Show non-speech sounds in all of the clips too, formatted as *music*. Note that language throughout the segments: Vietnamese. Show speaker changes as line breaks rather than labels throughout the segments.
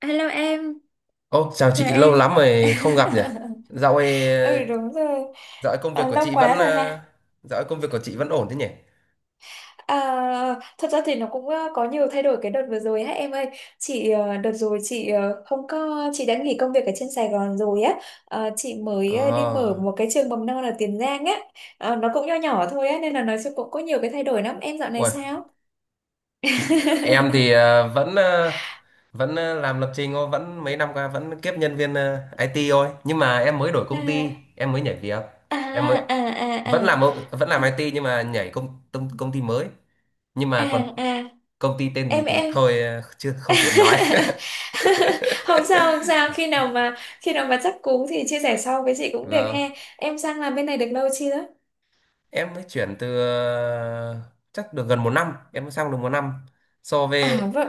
Hello em,
Ô, chào
chào
chị, lâu
em.
lắm rồi không gặp nhỉ?
*laughs*
Dạo ấy,
Ừ, đúng rồi.
dạo ấy công
À,
việc của
lâu
chị
quá
vẫn,
rồi
ờ,
ha.
Dạo ấy công việc của chị vẫn ổn thế nhỉ?
À, thật ra thì nó cũng có nhiều thay đổi cái đợt vừa rồi ha em ơi. Chị đợt rồi chị ờ, không có chị đã nghỉ công việc ở trên Sài Gòn rồi á. Ờ, chị mới
Ờ,
đi mở một cái trường mầm non ở Tiền Giang á. Ờ, nó cũng nho nhỏ thôi á nên là nói chung cũng có nhiều cái thay đổi lắm. Em dạo này
ui,
sao?
chị, em thì
*laughs*
làm lập trình thôi, vẫn mấy năm qua vẫn kiếp nhân viên IT thôi. Nhưng mà em mới đổi công ty,
à
em mới nhảy việc,
à
em mới
à à
vẫn làm
à
ở- vẫn làm IT nhưng mà nhảy công công, công ty mới. Nhưng
à
mà còn
à à.
công ty tên gì
em
thì
em
thôi, ờ, chưa không tiện nói.
*laughs* Không sao, không
*laughs*
sao, khi nào mà chắc cú thì chia sẻ sau với chị cũng được
Vâng.
he. Em sang làm bên này được lâu chưa?
em mới chuyển từ ờ, Chắc được gần một năm, em mới sang được một năm. So
À
về
vậy,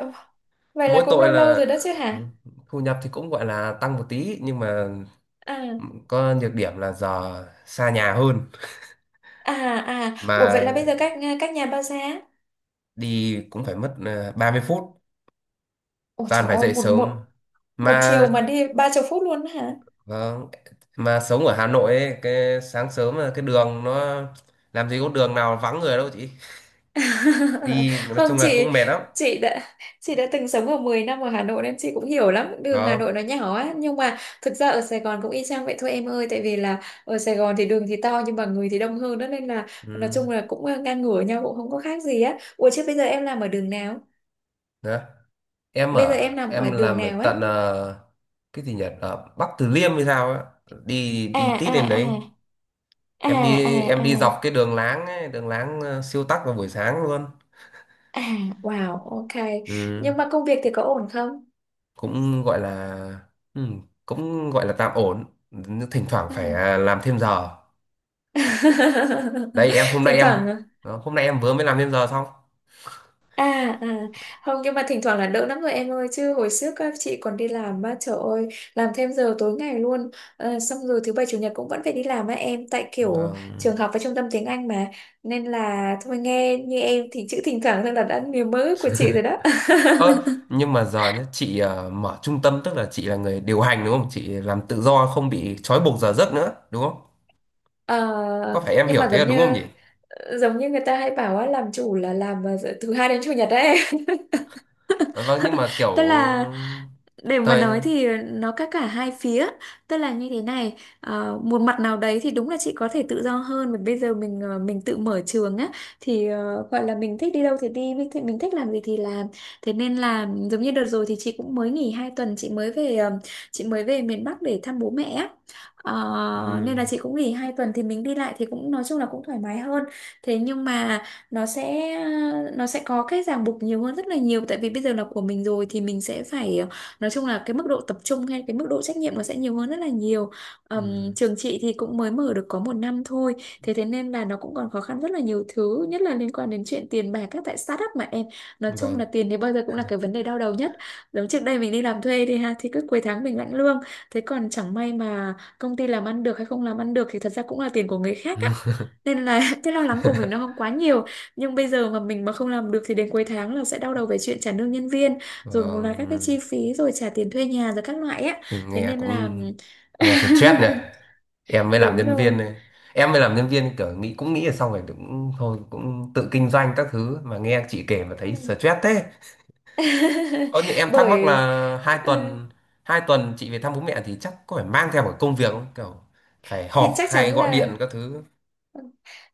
vậy là
Mỗi
cũng
tội
lâu lâu
là,
rồi đó chứ
ừ,
hả?
thu nhập thì cũng gọi là tăng một tí, nhưng mà
à
có nhược điểm là giờ xa nhà hơn,
à Ủa vậy là
mà
bây giờ cách nhà bao xa?
đi cũng phải mất 30 phút.
Ủa
Toàn
trời
phải
ơi,
dậy
một
sớm
một một
mà.
chiều mà đi 30 phút luôn hả?
Vâng, mà sống ở Hà Nội ấy, cái sáng sớm là cái đường nó, làm gì có đường nào vắng người đâu chị.
*laughs*
Đi nói
Không
chung là cũng
chị,
mệt lắm.
chị đã từng sống ở 10 năm ở Hà Nội nên chị cũng hiểu lắm, đường Hà
Vâng.
Nội nó nhỏ á, nhưng mà thực ra ở Sài Gòn cũng y chang vậy thôi em ơi, tại vì là ở Sài Gòn thì đường thì to nhưng mà người thì đông hơn đó, nên là
Ừ.
nói chung là cũng ngang ngửa nhau, cũng không có khác gì á. Ủa chứ bây giờ em làm ở đường nào
Đó. Em
Bây giờ
ở
em làm
Em
ở đường
làm ở
nào ấy?
tận cái gì nhỉ, ở Bắc Từ Liêm hay sao á, đi
à
đi tít
à
lên đấy.
à à
em
à
đi em
à
đi dọc cái đường láng ấy, đường láng siêu tắc vào buổi sáng luôn.
à wow, ok.
Ừ.
Nhưng mà công việc thì có ổn không?
cũng gọi là ừ, cũng gọi là tạm ổn, thỉnh thoảng
À.
phải làm thêm giờ. Đây
*laughs*
em hôm nay
Thỉnh
em
thoảng.
ờ, Hôm nay em vừa mới làm thêm giờ xong.
À, à Không, nhưng mà thỉnh thoảng là đỡ lắm rồi em ơi, chứ hồi trước á, chị còn đi làm á trời ơi, làm thêm giờ tối ngày luôn. Ờ, xong rồi thứ bảy chủ nhật cũng vẫn phải đi làm á em, tại kiểu
Vâng.
trường học và trung tâm tiếng Anh mà, nên là thôi, nghe như em thì chữ thỉnh thoảng thôi là đã niềm mơ của chị rồi đó.
Ơ,
*laughs*
nhưng mà giờ nhá, chị mở trung tâm, tức là chị là người điều hành đúng không, chị làm tự do không bị trói buộc giờ giấc nữa đúng không, có
Ờ,
phải em
nhưng
hiểu
mà
thế
giống
là đúng không
như
nhỉ?
người ta hay bảo á, làm chủ là làm vào giờ- thứ hai đến chủ nhật đấy.
Ờ, vâng,
*laughs*
nhưng mà kiểu,
Tức là, để mà nói
thời
thì nó có cả hai phía. Tức là như thế này, một mặt nào đấy thì đúng là chị có thể tự do hơn, và bây giờ mình mình tự mở trường á, thì gọi là mình thích đi đâu thì đi, mình thích làm gì thì làm. Thế nên là giống như đợt rồi thì chị cũng mới nghỉ 2 tuần, chị mới về miền Bắc để thăm bố mẹ á. Ờ,
ừ,
nên là chị cũng nghỉ 2 tuần thì mình đi lại thì cũng nói chung là cũng thoải mái hơn. Thế nhưng mà nó sẽ nó sẽ có cái ràng buộc nhiều hơn rất là nhiều, tại vì bây giờ là của mình rồi thì mình sẽ phải nói chung là cái mức độ tập trung hay cái mức độ trách nhiệm nó sẽ nhiều hơn rất là nhiều.
ừ,
Trường chị thì cũng mới mở được có 1 năm thôi, thế thế nên là nó cũng còn khó khăn rất là nhiều, thứ nhất là liên quan đến chuyện tiền bạc các tại startup mà em. Nói chung
vâng.
là tiền thì bao giờ cũng là cái vấn đề đau đầu nhất. Giống trước đây mình đi làm thuê thì ha thì cứ cuối tháng mình lãnh lương, thế còn chẳng may mà công ty làm ăn được hay không làm ăn được thì thật ra cũng là tiền của người khác á, nên là *laughs* cái lo lắng của mình nó
*laughs*
không quá nhiều. Nhưng bây giờ mà mình mà không làm được thì đến cuối tháng là sẽ đau đầu về chuyện trả lương nhân viên, rồi một loạt các cái
Vâng.
chi phí, rồi trả tiền thuê nhà rồi các loại á.
Ừ,
Thế
nghe
nên là
cũng, nghe stress nhỉ.
*laughs*
Em mới làm
đúng
nhân viên
rồi.
này, em mới làm nhân viên kiểu nghĩ cũng nghĩ là xong rồi cũng thôi cũng tự kinh doanh các thứ, mà nghe chị kể mà thấy
Ừ.
stress thế. Ờ nhưng
*laughs*
em thắc mắc
Bởi
là hai
ừ,
tuần, chị về thăm bố mẹ thì chắc có phải mang theo một công việc không, kiểu phải
thì
họp
chắc
hay
chắn
gọi điện
là,
các thứ?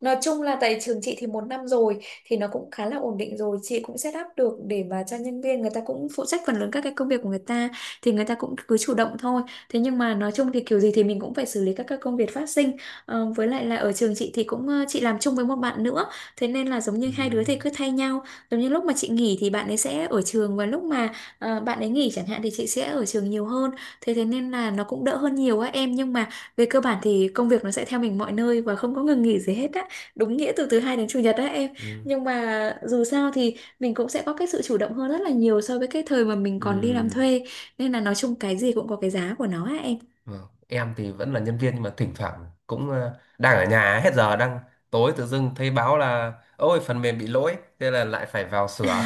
nói chung là tại trường chị thì 1 năm rồi thì nó cũng khá là ổn định rồi, chị cũng set up được để mà cho nhân viên người ta cũng phụ trách phần lớn các cái công việc của người ta, thì người ta cũng cứ chủ động thôi. Thế nhưng mà nói chung thì kiểu gì thì mình cũng phải xử lý các cái công việc phát sinh. Ờ, với lại là ở trường chị thì cũng chị làm chung với một bạn nữa, thế nên là giống như
Ừ,
hai đứa thì cứ thay nhau, giống như lúc mà chị nghỉ thì bạn ấy sẽ ở trường, và lúc mà bạn ấy nghỉ chẳng hạn thì chị sẽ ở trường nhiều hơn. Thế thế nên là nó cũng đỡ hơn nhiều á em, nhưng mà về cơ bản thì công việc nó sẽ theo mình mọi nơi và không có ngừng nghỉ gì hết á. Đúng nghĩa từ thứ hai đến chủ nhật á em.
ừ,
Nhưng mà dù sao thì mình cũng sẽ có cái sự chủ động hơn rất là nhiều so với cái thời mà mình còn đi làm
ừ.
thuê. Nên là nói chung cái gì cũng có cái giá của nó á em.
Vâng. Em thì vẫn là nhân viên nhưng mà thỉnh thoảng cũng đang ở nhà hết giờ, đang tối tự dưng thấy báo là ôi phần mềm bị lỗi thế là lại phải vào sửa.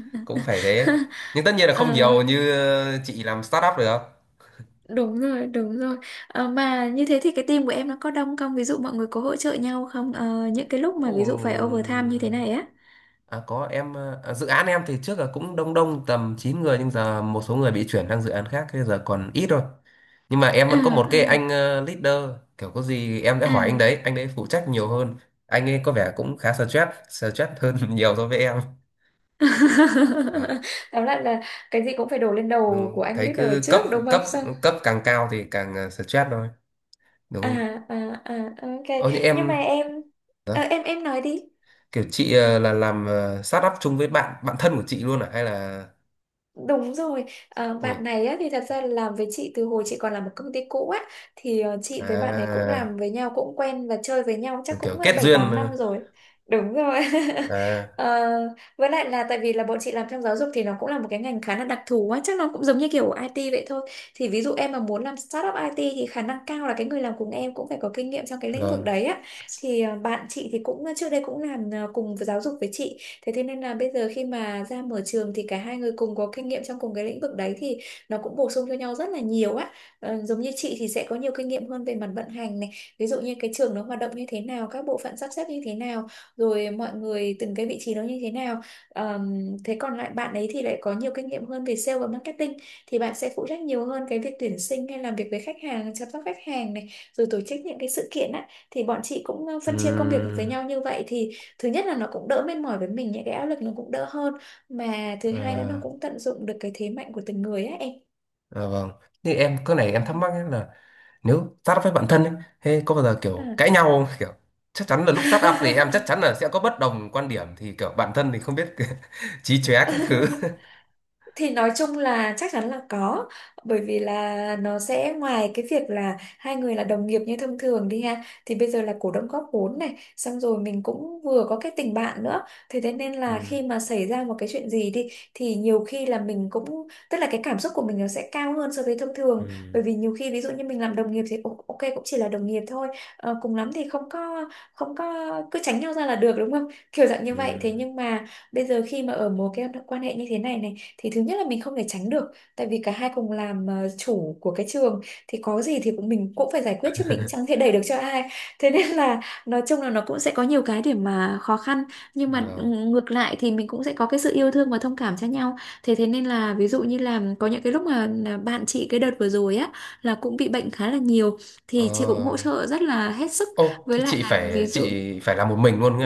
*laughs* Cũng phải thế, nhưng tất nhiên là không
Ờ,
nhiều như chị làm startup được.
đúng rồi, đúng rồi. Ờ, mà như thế thì cái team của em nó có đông không? Ví dụ mọi người có hỗ trợ nhau không? Ờ, những cái lúc
Ồ,
mà ví dụ phải overtime như thế này á.
à, có. Em dự án em thì trước là cũng đông, đông tầm 9 người nhưng giờ một số người bị chuyển sang dự án khác, thế giờ còn ít thôi. Nhưng mà em
À,
vẫn có một cái
à,
anh leader, kiểu có gì em đã hỏi anh
à.
đấy, anh đấy phụ trách nhiều hơn. Anh ấy có vẻ cũng khá stress, stress hơn *laughs* nhiều so với em. Vâng,
*laughs* Tóm lại là cái gì cũng phải đổ lên
đúng
đầu của
không?
anh
Thấy cứ
leader
cấp
trước đúng không?
cấp
Xong
cấp càng cao thì càng stress thôi, đúng không?
ok.
Ơ như
Nhưng mà
em
em
đó,
em nói đi.
kiểu chị là làm start up chung với bạn bạn thân của chị luôn à hay là
Đúng rồi, à,
ôi,
bạn này á, thì thật ra là làm với chị từ hồi chị còn làm một công ty cũ á, thì chị với bạn ấy cũng
à,
làm với nhau cũng quen và chơi với nhau chắc
kiểu
cũng
kết
bảy
duyên
tám năm rồi. Đúng rồi. *laughs*
à
Ờ, với lại là tại vì là bọn chị làm trong giáo dục thì nó cũng là một cái ngành khá là đặc thù á, chắc nó cũng giống như kiểu IT vậy thôi. Thì ví dụ em mà muốn làm startup IT thì khả năng cao là cái người làm cùng em cũng phải có kinh nghiệm trong cái lĩnh vực
vâng.
đấy á. Thì ờ, bạn chị thì cũng trước đây cũng làm cùng với giáo dục với chị. Thế thế nên là bây giờ khi mà ra mở trường thì cả hai người cùng có kinh nghiệm trong cùng cái lĩnh vực đấy, thì nó cũng bổ sung cho nhau rất là nhiều á. Ờ, giống như chị thì sẽ có nhiều kinh nghiệm hơn về mặt vận hành này, ví dụ như cái trường nó hoạt động như thế nào, các bộ phận sắp xếp như thế nào, rồi mọi người từng cái vị trí đó như thế nào. Thế còn lại bạn ấy thì lại có nhiều kinh nghiệm hơn về sale và marketing, thì bạn sẽ phụ trách nhiều hơn cái việc tuyển sinh hay làm việc với khách hàng, chăm sóc khách hàng này, rồi tổ chức những cái sự kiện á, thì bọn chị cũng phân chia công việc với
Ừm,
nhau như vậy, thì thứ nhất là nó cũng đỡ mệt mỏi với mình, những cái áp lực nó cũng đỡ hơn, mà thứ hai nữa nó
ờ,
cũng tận dụng được cái thế mạnh của từng người á em.
vâng. Thì em cái này em
Ừ.
thắc mắc ấy là, nếu start up với bạn thân ấy, thế có bao giờ kiểu cãi nhau không? Kiểu chắc chắn là
À.
lúc start up thì em
*laughs*
chắc chắn là sẽ có bất đồng quan điểm, thì kiểu bạn thân thì không biết *laughs* chí chóe các thứ. *laughs*
Thì nói chung là chắc chắn là có, bởi vì là nó sẽ ngoài cái việc là hai người là đồng nghiệp như thông thường đi ha, thì bây giờ là cổ đông góp vốn này, xong rồi mình cũng vừa có cái tình bạn nữa. Thế thế nên là
Ừ.
khi mà xảy ra một cái chuyện gì đi thì nhiều khi là mình cũng tức là cái cảm xúc của mình nó sẽ cao hơn so với thông
Ừ.
thường. Bởi vì nhiều khi ví dụ như mình làm đồng nghiệp thì "Ồ, ok cũng chỉ là đồng nghiệp thôi. Cùng lắm thì không có cứ tránh nhau ra là được đúng không, kiểu dạng như vậy. Thế
Ừ.
nhưng mà bây giờ khi mà ở mối cái quan hệ như thế này này thì thứ nhất là mình không thể tránh được, tại vì cả hai cùng làm chủ của cái trường, thì có gì thì cũng mình cũng phải giải quyết chứ mình chẳng thể đẩy được cho ai. Thế nên là nói chung là nó cũng sẽ có nhiều cái để mà khó khăn, nhưng mà
Vâng.
ngược lại thì mình cũng sẽ có cái sự yêu thương và thông cảm cho nhau. Thế thế nên là ví dụ như là có những cái lúc mà là bạn chị cái đợt vừa rồi á là cũng bị bệnh khá là nhiều,
Ờ.
thì chị cũng hỗ trợ rất là hết sức.
Ô,
Với
thế
lại
chị
là ví
phải
dụ,
chị phải làm một mình luôn nhỉ?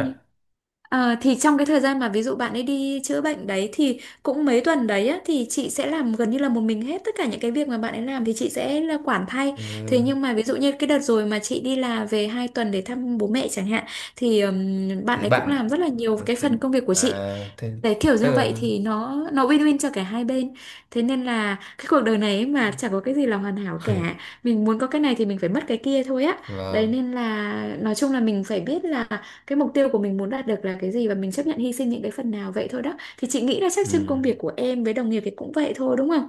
ờ, thì trong cái thời gian mà ví dụ bạn ấy đi chữa bệnh đấy thì cũng mấy tuần đấy á, thì chị sẽ làm gần như là một mình hết tất cả những cái việc mà bạn ấy làm, thì chị sẽ là quản thay.
Ừ.
Thế nhưng mà ví dụ như cái đợt rồi mà chị đi là về hai tuần để thăm bố mẹ chẳng hạn, thì bạn
Thế
ấy cũng
bạn
làm rất là nhiều cái
thế
phần công việc của chị.
à thế
Đấy, kiểu
tức
như vậy
là
thì nó win-win cho cả hai bên. Thế nên là cái cuộc đời này ấy mà chẳng có cái gì là hoàn hảo cả.
*laughs*
Mình muốn có cái này thì mình phải mất cái kia thôi á. Đấy
vâng.
nên là nói chung là mình phải biết là cái mục tiêu của mình muốn đạt được là cái gì và mình chấp nhận hy sinh những cái phần nào vậy thôi đó. Thì chị nghĩ là chắc
Ừ.
trên công việc của em với đồng nghiệp thì cũng vậy thôi đúng không?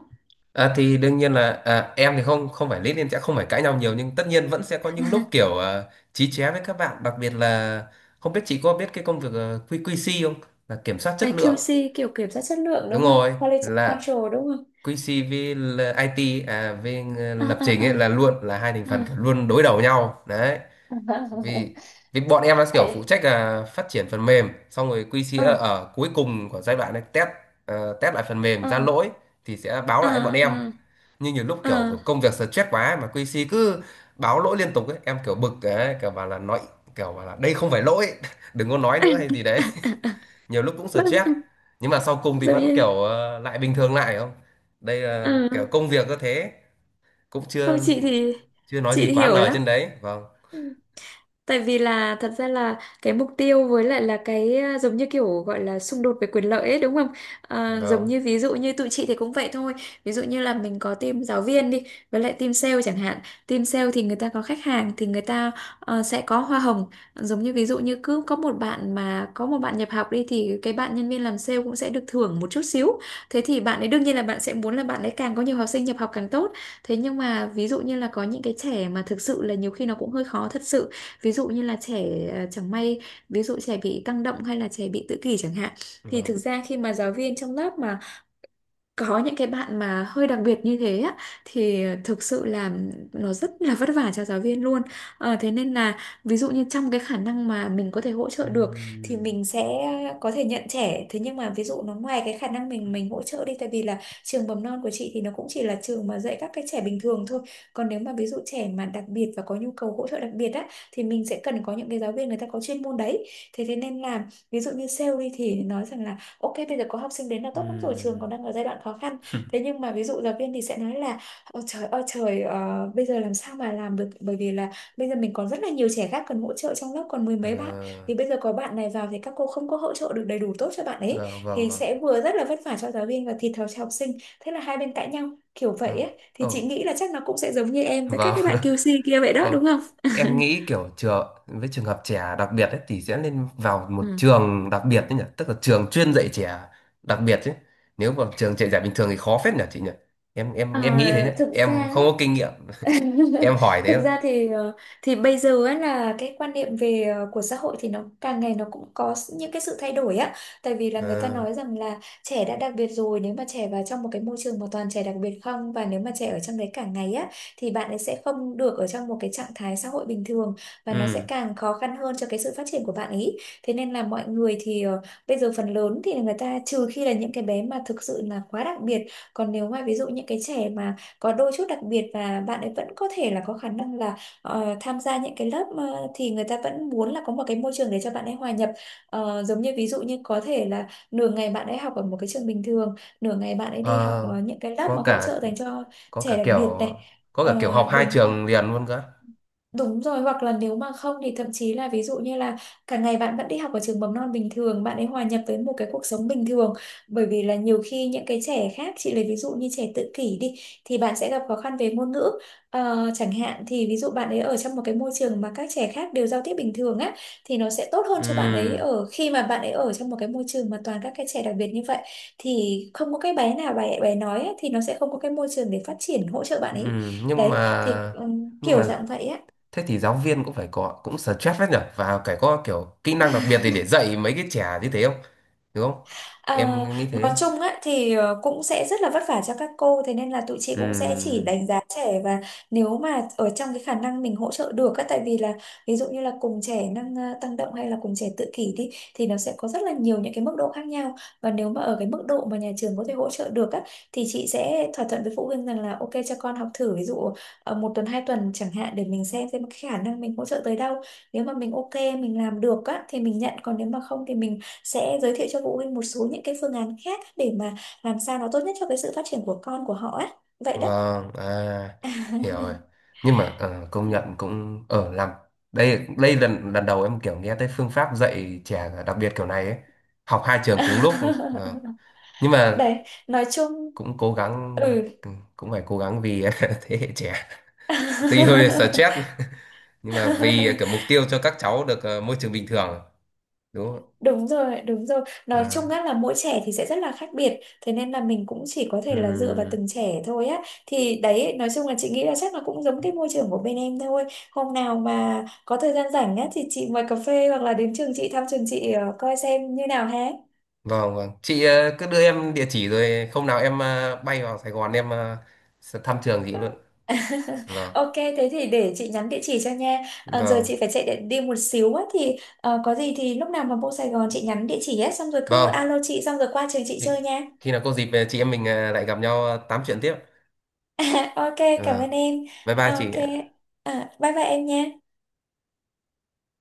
Thì đương nhiên là em thì không không phải lý nên sẽ không phải cãi nhau nhiều, nhưng tất nhiên vẫn sẽ có những lúc
*laughs*
kiểu chí chóe với các bạn, đặc biệt là không biết chị có biết cái công việc QQC không, là kiểm soát chất
Cái
lượng.
QC kiểu kiểm soát chất lượng
Đúng
đúng không?
rồi,
Quality
là
control đúng không?
Quincy với IT
À,
lập trình ấy
à,
là luôn là hai thành
à, à.
phần kiểu luôn đối đầu nhau đấy. Vì Vì bọn em là kiểu phụ
Vậy,
trách là phát triển phần mềm, xong rồi QC là
ờ,
ở cuối cùng của giai đoạn này, test lại phần mềm
ờ,
ra
*laughs*
lỗi thì sẽ báo
ờ,
lại bọn em.
ờ,
Nhưng nhiều lúc
ờ, ờ,
kiểu công việc stress quá ấy, mà QC cứ báo lỗi liên tục ấy, em kiểu bực ấy, kiểu bảo là nói, kiểu bảo là đây không phải lỗi, *laughs* đừng có nói
ờ.
nữa hay gì đấy.
*laughs*
Nhiều lúc cũng stress, nhưng mà sau
*laughs*
cùng thì
Giống
vẫn
như,
kiểu lại bình thường lại, không. Đây là kiểu
à,
công việc có thế, cũng
không,
chưa
chị thì
chưa nói gì
chị
quá
hiểu
lời
lắm.
trên đấy, vâng,
Ừ, tại vì là thật ra là cái mục tiêu với lại là cái, à, giống như kiểu gọi là xung đột về quyền lợi ấy đúng không? À, giống
vâng,
như ví dụ như tụi chị thì cũng vậy thôi. Ví dụ như là mình có team giáo viên đi với lại team sale chẳng hạn. Team sale thì người ta có khách hàng thì người ta sẽ có hoa hồng. Giống như ví dụ như cứ có một bạn mà có một bạn nhập học đi thì cái bạn nhân viên làm sale cũng sẽ được thưởng một chút xíu. Thế thì bạn ấy đương nhiên là bạn sẽ muốn là bạn ấy càng có nhiều học sinh nhập học càng tốt. Thế nhưng mà ví dụ như là có những cái trẻ mà thực sự là nhiều khi nó cũng hơi khó thật sự, ví dụ như là trẻ, à, chẳng may ví dụ trẻ bị tăng động hay là trẻ bị tự kỷ chẳng hạn, thì
vâng.
thực ra khi mà giáo viên trong lớp mà có những cái bạn mà hơi đặc biệt như thế á, thì thực sự là nó rất là vất vả cho giáo viên luôn. Ờ, thế nên là ví dụ như trong cái khả năng mà mình có thể hỗ trợ được thì
Ừm,
mình sẽ có thể nhận trẻ. Thế nhưng mà ví dụ nó ngoài cái khả năng mình hỗ trợ đi, tại vì là trường mầm non của chị thì nó cũng chỉ là trường mà dạy các cái trẻ bình thường thôi, còn nếu mà ví dụ trẻ mà đặc biệt và có nhu cầu hỗ trợ đặc biệt á thì mình sẽ cần có những cái giáo viên người ta có chuyên môn đấy. Thế thế nên là ví dụ như sale đi thì nói rằng là ok, bây giờ có học sinh đến là tốt lắm rồi, trường
ừm,
còn đang ở giai đoạn khó khăn. Thế nhưng mà ví dụ giáo viên thì sẽ nói là ôi trời ơi trời, bây giờ làm sao mà làm được, bởi vì là bây giờ mình còn rất là nhiều trẻ khác cần hỗ trợ trong lớp, còn mười
ờ,
mấy bạn. Thì bây giờ có bạn này vào thì các cô không có hỗ trợ được đầy đủ tốt cho bạn ấy,
vâng, vâng,
thì
vâng,
sẽ vừa rất là vất vả cho giáo viên và thiệt thòi cho học sinh. Thế là hai bên cãi nhau kiểu vậy
vâng,
ấy. Thì chị
ồ,
nghĩ là chắc nó cũng sẽ giống như em với các
vâng,
cái
*laughs*
bạn Kiu QC kia vậy đó
ồ,
đúng không?
em nghĩ
*laughs*
kiểu trường, với trường hợp trẻ đặc biệt ấy thì sẽ nên vào một
Ừ.
trường đặc biệt đấy nhỉ, tức là trường chuyên dạy trẻ đặc biệt chứ, nếu vào trường dạy trẻ bình thường thì khó phết nhỉ chị nhỉ, em
Ờ,
em em nghĩ thế nhé,
thực
em
ra
không
á,
có kinh nghiệm, em
*laughs*
hỏi thế
thực
mà.
ra thì thì bây giờ ấy là cái quan niệm về, của xã hội thì nó càng ngày nó cũng có những cái sự thay đổi á, tại vì là người ta
Ờ,
nói rằng là trẻ đã đặc biệt rồi, nếu mà trẻ vào trong một cái môi trường mà toàn trẻ đặc biệt không, và nếu mà trẻ ở trong đấy cả ngày á, thì bạn ấy sẽ không được ở trong một cái trạng thái xã hội bình thường, và nó sẽ
ừ,
càng khó khăn hơn cho cái sự phát triển của bạn ấy. Thế nên là mọi người thì, bây giờ phần lớn thì người ta trừ khi là những cái bé mà thực sự là quá đặc biệt, còn nếu mà ví dụ những cái trẻ mà có đôi chút đặc biệt và bạn ấy vẫn có thể là có khả năng là, tham gia những cái lớp, thì người ta vẫn muốn là có một cái môi trường để cho bạn ấy hòa nhập. Ờ, giống như ví dụ như có thể là nửa ngày bạn ấy học ở một cái trường bình thường, nửa ngày bạn ấy đi học,
ờ,
những cái lớp
có
mà hỗ trợ
cả
dành cho
có
trẻ
cả
đặc
kiểu
biệt này.
có
Ờ,
cả kiểu học hai
đúng rồi.
trường liền luôn cơ.
Đúng rồi, hoặc là nếu mà không thì thậm chí là ví dụ như là cả ngày bạn vẫn đi học ở trường mầm non bình thường, bạn ấy hòa nhập với một cái cuộc sống bình thường. Bởi vì là nhiều khi những cái trẻ khác, chị lấy ví dụ như trẻ tự kỷ đi, thì bạn sẽ gặp khó khăn về ngôn ngữ. Ờ, chẳng hạn thì ví dụ bạn ấy ở trong một cái môi trường mà các trẻ khác đều giao tiếp bình thường á, thì nó sẽ tốt hơn cho bạn ấy
Ừ.
ở khi mà bạn ấy ở trong một cái môi trường mà toàn các cái trẻ đặc biệt như vậy. Thì không có cái bé nào bé bé nói á, thì nó sẽ không có cái môi trường để phát triển hỗ trợ bạn
Ừ,
ấy.
nhưng
Đấy, thì
mà nhưng
kiểu
mà
dạng vậy á.
thế thì giáo viên cũng phải có, cũng stress hết nhở, và phải có kiểu kỹ năng đặc biệt để dạy mấy cái trẻ như thế không, đúng không?
À,
Em nghĩ
nói
thế.
chung á, thì cũng sẽ rất là vất vả cho các cô, thế nên là tụi chị cũng sẽ chỉ
Ừ.
đánh giá trẻ, và nếu mà ở trong cái khả năng mình hỗ trợ được á, tại vì là ví dụ như là cùng trẻ năng, tăng động hay là cùng trẻ tự kỷ đi thì nó sẽ có rất là nhiều những cái mức độ khác nhau, và nếu mà ở cái mức độ mà nhà trường có thể hỗ trợ được á, thì chị sẽ thỏa thuận với phụ huynh rằng là ok cho con học thử ví dụ, một tuần hai tuần chẳng hạn, để mình xem cái khả năng mình hỗ trợ tới đâu. Nếu mà mình ok mình làm được á, thì mình nhận, còn nếu mà không thì mình sẽ giới thiệu cho phụ huynh một số những cái phương án khác để mà làm sao nó tốt nhất cho cái sự phát triển của con của họ á, vậy đó.
Vâng, à, hiểu rồi. Nhưng mà công nhận cũng ở làm, đây đây lần lần đầu em kiểu nghe tới phương pháp dạy trẻ đặc biệt kiểu này ấy. Học hai trường cùng lúc. Vâng.
*laughs*
Nhưng mà
Đấy, nói chung,
cũng cố gắng,
ừ,
ừ, cũng phải cố gắng vì *laughs* thế hệ trẻ. Tuy hơi stress
*laughs*
nhưng mà vì kiểu mục tiêu cho các cháu được môi trường bình thường, đúng không?
đúng rồi, đúng rồi, nói chung
Ạ?
á là mỗi trẻ thì sẽ rất là khác biệt, thế nên là mình cũng chỉ có
Ừ.
thể là dựa vào
Ừm.
từng trẻ thôi á, thì đấy nói chung là chị nghĩ là chắc là cũng giống cái môi trường của bên em thôi. Hôm nào mà có thời gian rảnh á thì chị mời cà phê hoặc là đến trường chị thăm trường chị, coi xem như nào ha.
Vâng, vâng. Chị cứ đưa em địa chỉ rồi hôm nào em bay vào Sài Gòn em sẽ thăm trường chị luôn.
*laughs*
Vâng.
Ok, thế thì để chị nhắn địa chỉ cho nha. Ờ, giờ
Vâng.
chị phải chạy để đi một xíu á, thì có gì thì lúc nào mà vô Sài Gòn chị nhắn địa chỉ á, xong rồi cứ
Vâng,
alo chị xong rồi qua trường chị
khi
chơi nha.
khi nào có dịp chị em mình, à, lại gặp nhau, à, tám chuyện tiếp.
*laughs* Ok, cảm
Vâng.
ơn em.
Bye bye
Ờ,
chị.
ok, à, bye bye em nha.